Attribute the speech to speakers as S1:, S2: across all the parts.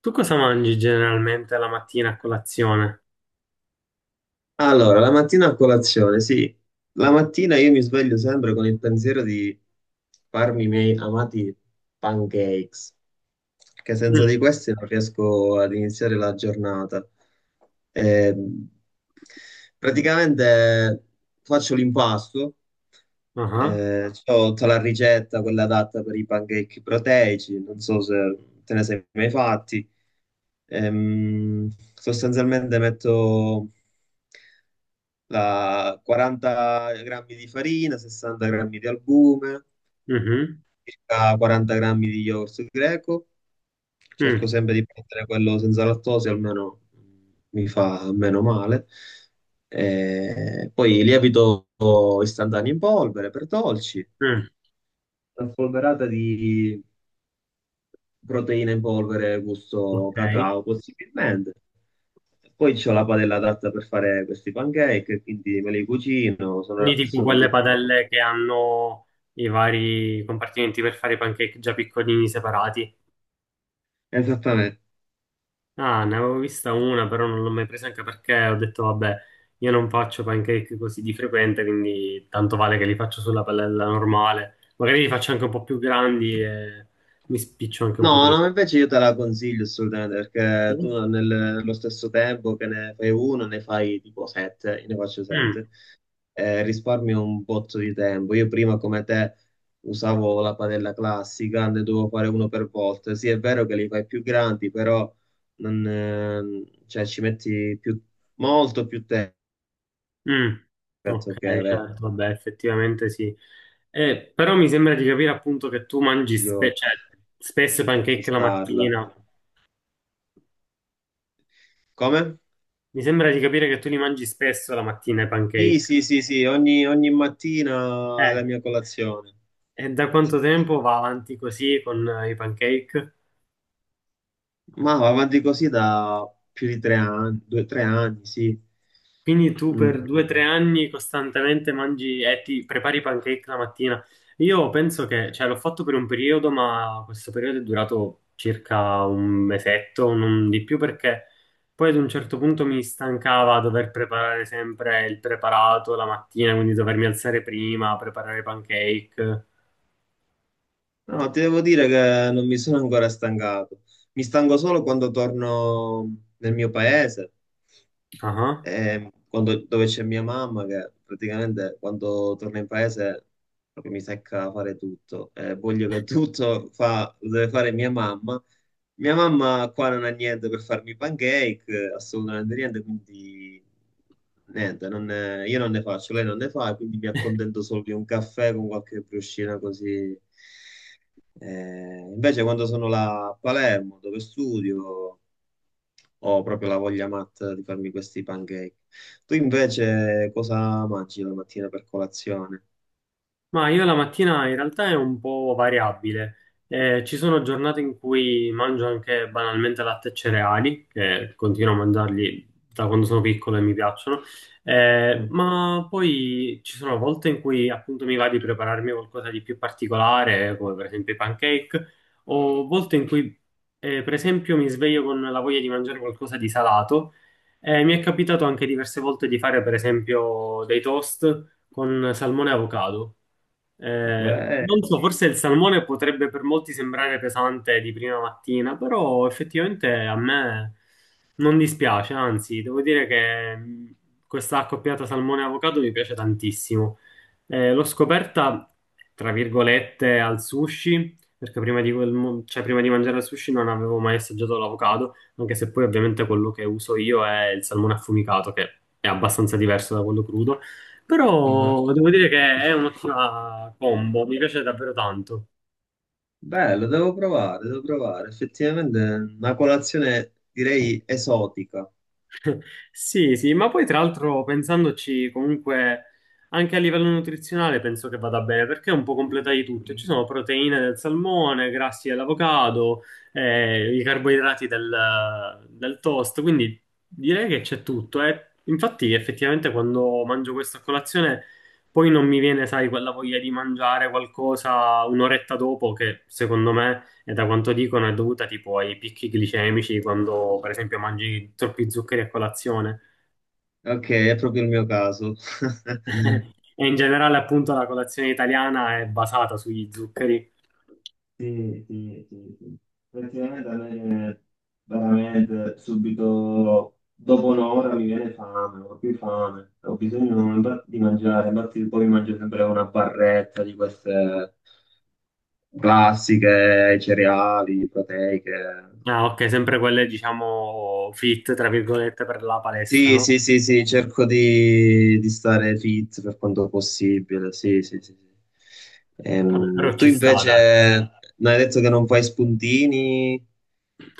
S1: Tu cosa mangi generalmente la mattina a colazione?
S2: Allora, la mattina a colazione, sì. La mattina io mi sveglio sempre con il pensiero di farmi i miei amati pancakes, che senza di
S1: Mm.
S2: questi non riesco ad iniziare la giornata. Ehm, praticamente faccio l'impasto,
S1: Ah,
S2: c'ho tutta la ricetta, quella adatta per i pancake proteici, non so se te ne sei mai fatti. Ehm, Sostanzialmente metto la 40 grammi di farina, 60 grammi di albume,
S1: mhm,
S2: circa 40 grammi di yogurt greco. Cerco
S1: mm,
S2: sempre di prendere quello senza lattosio, almeno mi fa meno male. E poi lievito istantaneo in polvere per dolci,
S1: mm.
S2: una spolverata di proteine in polvere gusto
S1: Ok.
S2: cacao possibilmente. Poi c'ho la padella adatta per fare questi pancake, quindi me li cucino, sono,
S1: Quindi tipo
S2: sono
S1: quelle
S2: diventato.
S1: padelle che hanno i vari compartimenti per fare i pancake già piccolini separati.
S2: Esattamente.
S1: Ah, ne avevo vista una, però non l'ho mai presa anche perché ho detto, vabbè, io non faccio pancake così di frequente, quindi tanto vale che li faccio sulla padella normale. Magari li faccio anche un po' più grandi e mi spiccio anche un po'
S2: No,
S1: prima.
S2: no, invece io te la consiglio assolutamente perché tu nello stesso tempo che ne fai uno, ne fai tipo sette, io ne faccio
S1: Mm.
S2: sette, risparmio un botto di tempo. Io prima come te usavo la padella classica, ne dovevo fare uno per volta. Sì, è vero che li fai più grandi, però non, cioè, molto più tempo,
S1: Mm, ok,
S2: rispetto che è
S1: certo, vabbè, effettivamente sì. Però mi sembra di capire appunto che tu mangi
S2: meglio
S1: cioè, spesso i
S2: di
S1: pancake la
S2: acquistarla.
S1: mattina.
S2: Come?
S1: Mi sembra di capire che tu li mangi spesso la mattina i
S2: Sì,
S1: pancake.
S2: sì, sì, sì, ogni mattina è la
S1: Eh,
S2: mia colazione.
S1: e da
S2: Sì.
S1: quanto tempo va avanti così con i pancake?
S2: Ma va avanti così da più di 3 anni, due, 3 anni, sì.
S1: Quindi tu
S2: Mm.
S1: per 2 o 3 anni costantemente mangi e ti prepari i pancake la mattina. Io penso che, cioè, l'ho fatto per un periodo, ma questo periodo è durato circa un mesetto, non di più, perché poi ad un certo punto mi stancava dover preparare sempre il preparato la mattina, quindi dovermi alzare prima, preparare i pancake.
S2: No, ti devo dire che non mi sono ancora stancato. Mi stanco solo quando torno nel mio paese,
S1: Ah.
S2: dove c'è mia mamma, che praticamente quando torno in paese proprio mi secca a fare tutto. Voglio che tutto fa, lo deve fare mia mamma. Mia mamma qua non ha niente per farmi i pancake, assolutamente niente, quindi niente, non ne- io non ne faccio, lei non ne fa, quindi mi accontento solo di un caffè con qualche briochina così. Invece quando sono là a Palermo, dove studio, ho proprio la voglia matta di farmi questi pancake. Tu invece cosa mangi la mattina per colazione?
S1: Ma io la mattina in realtà è un po' variabile. Ci sono giornate in cui mangio anche banalmente latte e cereali, che continuo a mangiarli da quando sono piccolo e mi piacciono.
S2: Mm.
S1: Ma poi ci sono volte in cui appunto mi va di prepararmi qualcosa di più particolare, come per esempio i pancake, o volte in cui per esempio mi sveglio con la voglia di mangiare qualcosa di salato. Mi è capitato anche diverse volte di fare per esempio dei toast con salmone e avocado.
S2: Belli.
S1: Non so, forse il salmone potrebbe per molti sembrare pesante di prima mattina, però effettivamente a me non dispiace, anzi, devo dire che questa accoppiata salmone e avocado mi piace tantissimo. L'ho scoperta, tra virgolette, al sushi, perché prima di, quel mo- cioè, prima di mangiare il sushi non avevo mai assaggiato l'avocado, anche se poi ovviamente quello che uso io è il salmone affumicato, che è abbastanza diverso da quello crudo. Però devo dire che è un'ottima combo, mi piace davvero tanto.
S2: Bello, devo provare, devo provare. Effettivamente è una colazione direi esotica.
S1: Sì, sì, ma poi tra l'altro pensandoci comunque anche a livello nutrizionale penso che vada bene perché è un po' completa di tutto. Ci
S2: Sì.
S1: sono proteine del salmone, grassi dell'avocado, i carboidrati del toast, quindi direi che c'è tutto. Infatti effettivamente quando mangio questa colazione... Poi non mi viene, sai, quella voglia di mangiare qualcosa un'oretta dopo che secondo me. E da quanto dicono è dovuta tipo ai picchi glicemici quando per esempio mangi troppi zuccheri a colazione.
S2: Ok, è proprio il mio caso.
S1: E in generale appunto la colazione italiana è basata sugli zuccheri.
S2: Sì, sì, sì, sì. Effettivamente a me veramente subito dopo un'ora mi viene fame, ho più fame, ho bisogno infatti di mangiare, infatti poi mangio sempre una barretta di queste classiche, cereali, proteiche.
S1: Ah, ok, sempre quelle diciamo fit, tra virgolette, per la palestra,
S2: Sì,
S1: no?
S2: sì, sì, sì, cerco di stare fit per quanto possibile, sì, sì, sì, sì.
S1: Vabbè, però
S2: Tu
S1: ci sta, dai.
S2: invece mi hai detto che non fai spuntini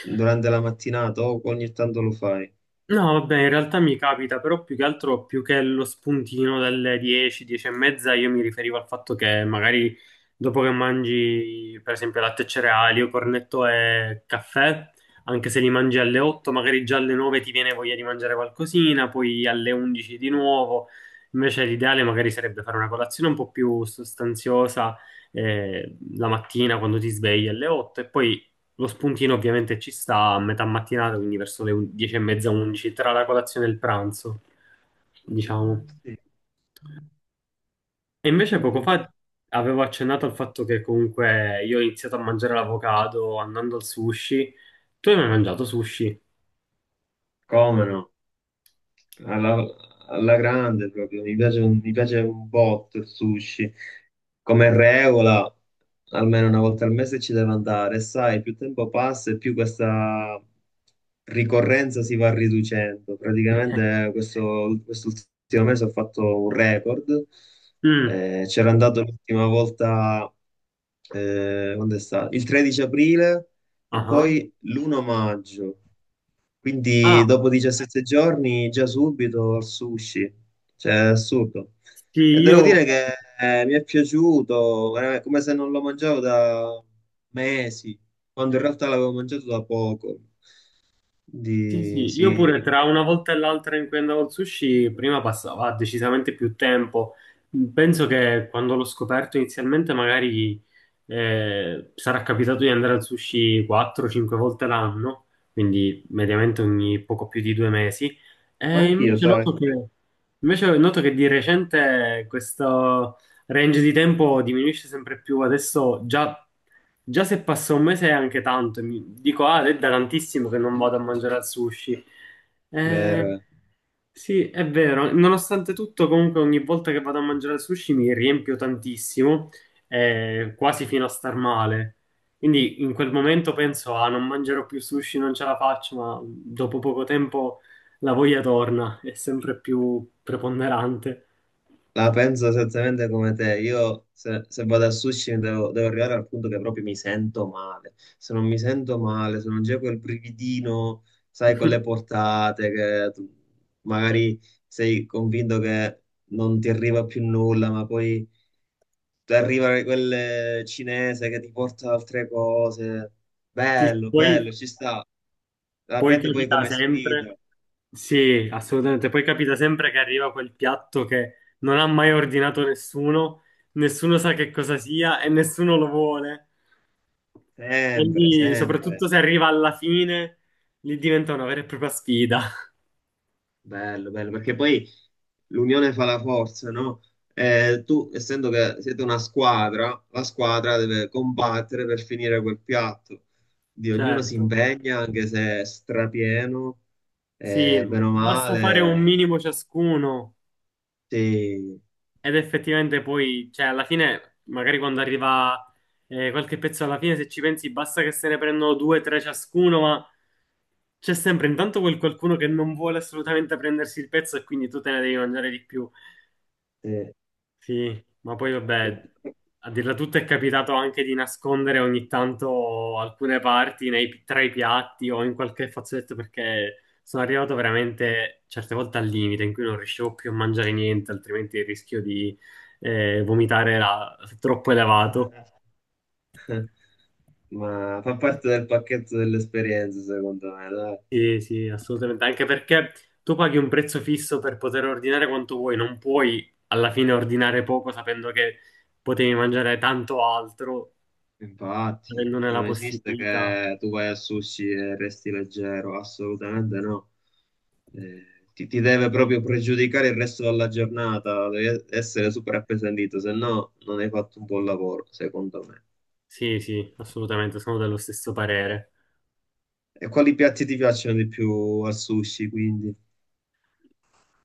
S2: durante la mattinata o ogni tanto lo fai?
S1: No, vabbè, in realtà mi capita, però più che altro, più che lo spuntino delle 10, 10 e mezza, io mi riferivo al fatto che magari dopo che mangi, per esempio, latte e cereali o cornetto e caffè, anche se li mangi alle 8, magari già alle 9 ti viene voglia di mangiare qualcosina, poi alle 11 di nuovo. Invece l'ideale magari sarebbe fare una colazione un po' più sostanziosa la mattina quando ti svegli alle 8 e poi lo spuntino ovviamente ci sta a metà mattinata, quindi verso le 10 e mezza, 11, tra la colazione e il pranzo, diciamo.
S2: Sì.
S1: E invece
S2: Sì,
S1: poco
S2: sì.
S1: fa avevo accennato al fatto che comunque io ho iniziato a mangiare l'avocado andando al sushi. Tu hai mai mangiato sushi?
S2: Come no? alla, Alla grande proprio, mi piace, mi piace un botto il sushi. Come regola, almeno una volta al mese ci deve andare, e sai, più tempo passa e più questa ricorrenza si va riducendo. Praticamente questo, quest'ultimo mese ho fatto un record,
S1: Mm,
S2: c'era andato l'ultima volta, quando è stato? Il 13 aprile e
S1: aha.
S2: poi l'1 maggio. Quindi
S1: Ah,
S2: dopo 17 giorni già subito al sushi, cioè è assurdo.
S1: sì,
S2: E devo
S1: io,
S2: dire che mi è piaciuto, veramente, come se non lo mangiavo da mesi, quando in realtà l'avevo mangiato da poco.
S1: sì,
S2: Quindi
S1: sì, io
S2: sì,
S1: pure tra una volta e l'altra in cui andavo al sushi, prima passava decisamente più tempo. Penso che quando l'ho scoperto inizialmente magari sarà capitato di andare al sushi 4-5 volte l'anno, quindi mediamente ogni poco più di 2 mesi.
S2: ma
S1: E
S2: anch'io, sai,
S1: invece noto che di recente questo range di tempo diminuisce sempre più. Adesso già se passa un mese è anche tanto. E mi dico, ah, è da tantissimo che non vado a mangiare al sushi. Eh,
S2: vero.
S1: sì, è vero. Nonostante tutto, comunque ogni volta che vado a mangiare al sushi mi riempio tantissimo quasi fino a star male. Quindi in quel momento penso, ah, non mangerò più sushi, non ce la faccio, ma dopo poco tempo la voglia torna, è sempre più preponderante.
S2: La penso esattamente come te. Io se vado al sushi devo arrivare al punto che proprio mi sento male. Se non mi sento male, se non c'è quel brividino, sai, con le portate, che tu magari sei convinto che non ti arriva più nulla, ma poi ti arriva quel cinese che ti porta altre cose.
S1: Sì,
S2: Bello,
S1: poi,
S2: bello, ci sta. La
S1: poi
S2: prendi poi
S1: capita
S2: come
S1: sempre,
S2: sfida,
S1: sì, assolutamente, poi capita sempre che arriva quel piatto che non ha mai ordinato nessuno, nessuno sa che cosa sia e nessuno lo vuole.
S2: sempre,
S1: Quindi,
S2: sempre.
S1: soprattutto se arriva alla fine, lì diventa una vera e propria sfida.
S2: Bello, bello, perché poi l'unione fa la forza, no? Tu, essendo che siete una squadra, la squadra deve combattere per finire quel piatto. Di ognuno si
S1: Certo,
S2: impegna, anche se è strapieno,
S1: sì,
S2: bene o
S1: basta fare un
S2: male.
S1: minimo ciascuno
S2: Sì,
S1: ed effettivamente poi, cioè alla fine, magari quando arriva qualche pezzo alla fine, se ci pensi, basta che se ne prendono due, tre ciascuno, ma c'è sempre intanto quel qualcuno che non vuole assolutamente prendersi il pezzo e quindi tu te ne devi mangiare di più.
S2: sì.
S1: Sì, ma poi vabbè, a dirla tutta è capitato anche di nascondere ogni tanto alcune parti tra i piatti o in qualche fazzoletto perché sono arrivato veramente certe volte al limite in cui non riuscivo più a mangiare niente, altrimenti il rischio di vomitare era troppo elevato.
S2: Ma fa parte del pacchetto dell'esperienza, secondo me, dai.
S1: Sì, sì, assolutamente, anche perché tu paghi un prezzo fisso per poter ordinare quanto vuoi, non puoi alla fine ordinare poco sapendo che potevi mangiare tanto altro,
S2: Infatti,
S1: avendone la
S2: non esiste
S1: possibilità.
S2: che tu vai al sushi e resti leggero, assolutamente no. Eh, ti deve proprio pregiudicare il resto della giornata, devi essere super appesantito, se no non hai fatto un buon lavoro, secondo me.
S1: Sì, sì, assolutamente, sono dello stesso parere.
S2: E quali piatti ti piacciono di più al sushi, quindi?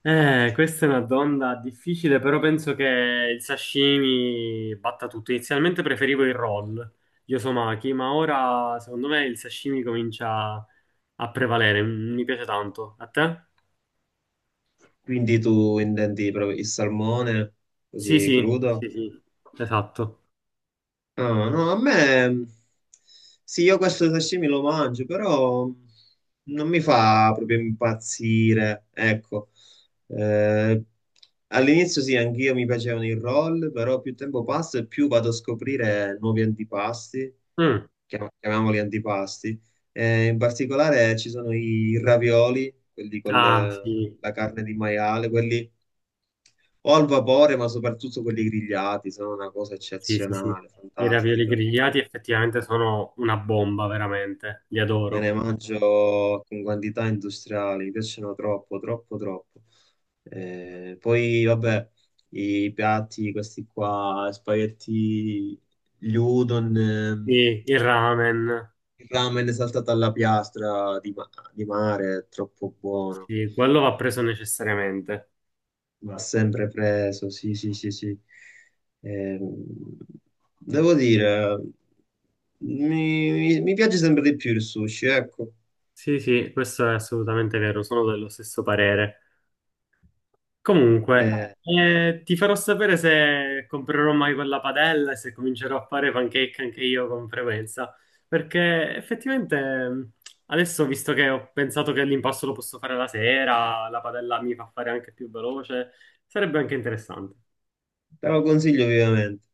S1: Questa è una domanda difficile, però penso che il sashimi batta tutto. Inizialmente preferivo il roll, gli osomaki, ma ora secondo me il sashimi comincia a prevalere. Mi piace tanto. A te?
S2: Quindi tu intendi proprio il salmone,
S1: Sì,
S2: così
S1: sì,
S2: crudo?
S1: sì, sì, esatto.
S2: Ah, no, a me mm, sì, io questo sashimi lo mangio, però non mi fa proprio impazzire. Ecco. Eh, all'inizio sì, anch'io mi piacevano i roll, però più tempo passa e più vado a scoprire nuovi antipasti,
S1: Mm.
S2: chiamiamoli antipasti. In particolare ci sono i ravioli,
S1: Ah, sì,
S2: la carne di maiale, quelli o al vapore, ma soprattutto quelli grigliati, sono una cosa
S1: sì, sì, sì.
S2: eccezionale,
S1: I ravioli
S2: fantastica.
S1: grigliati effettivamente sono una bomba, veramente. Li
S2: Me ne
S1: adoro.
S2: mangio con quantità industriali, mi piacciono troppo, troppo, troppo. Poi, vabbè, i piatti, questi qua, spaghetti, gli udon,
S1: Sì, il ramen.
S2: il ramen saltato alla piastra di mare, è troppo buono.
S1: Sì, quello va preso necessariamente.
S2: Va sempre preso, sì, sì, sì, sì. Ehm, Devo dire, mi piace sempre di più il sushi, ecco.
S1: Sì, sì, questo è assolutamente vero, sono dello stesso parere.
S2: Eh,
S1: Comunque, ti farò sapere se comprerò mai quella padella e se comincerò a fare pancake anche io con frequenza, perché effettivamente mh, adesso, visto che ho pensato che l'impasto lo posso fare la sera, la padella mi fa fare anche più veloce, sarebbe anche interessante.
S2: te lo consiglio vivamente.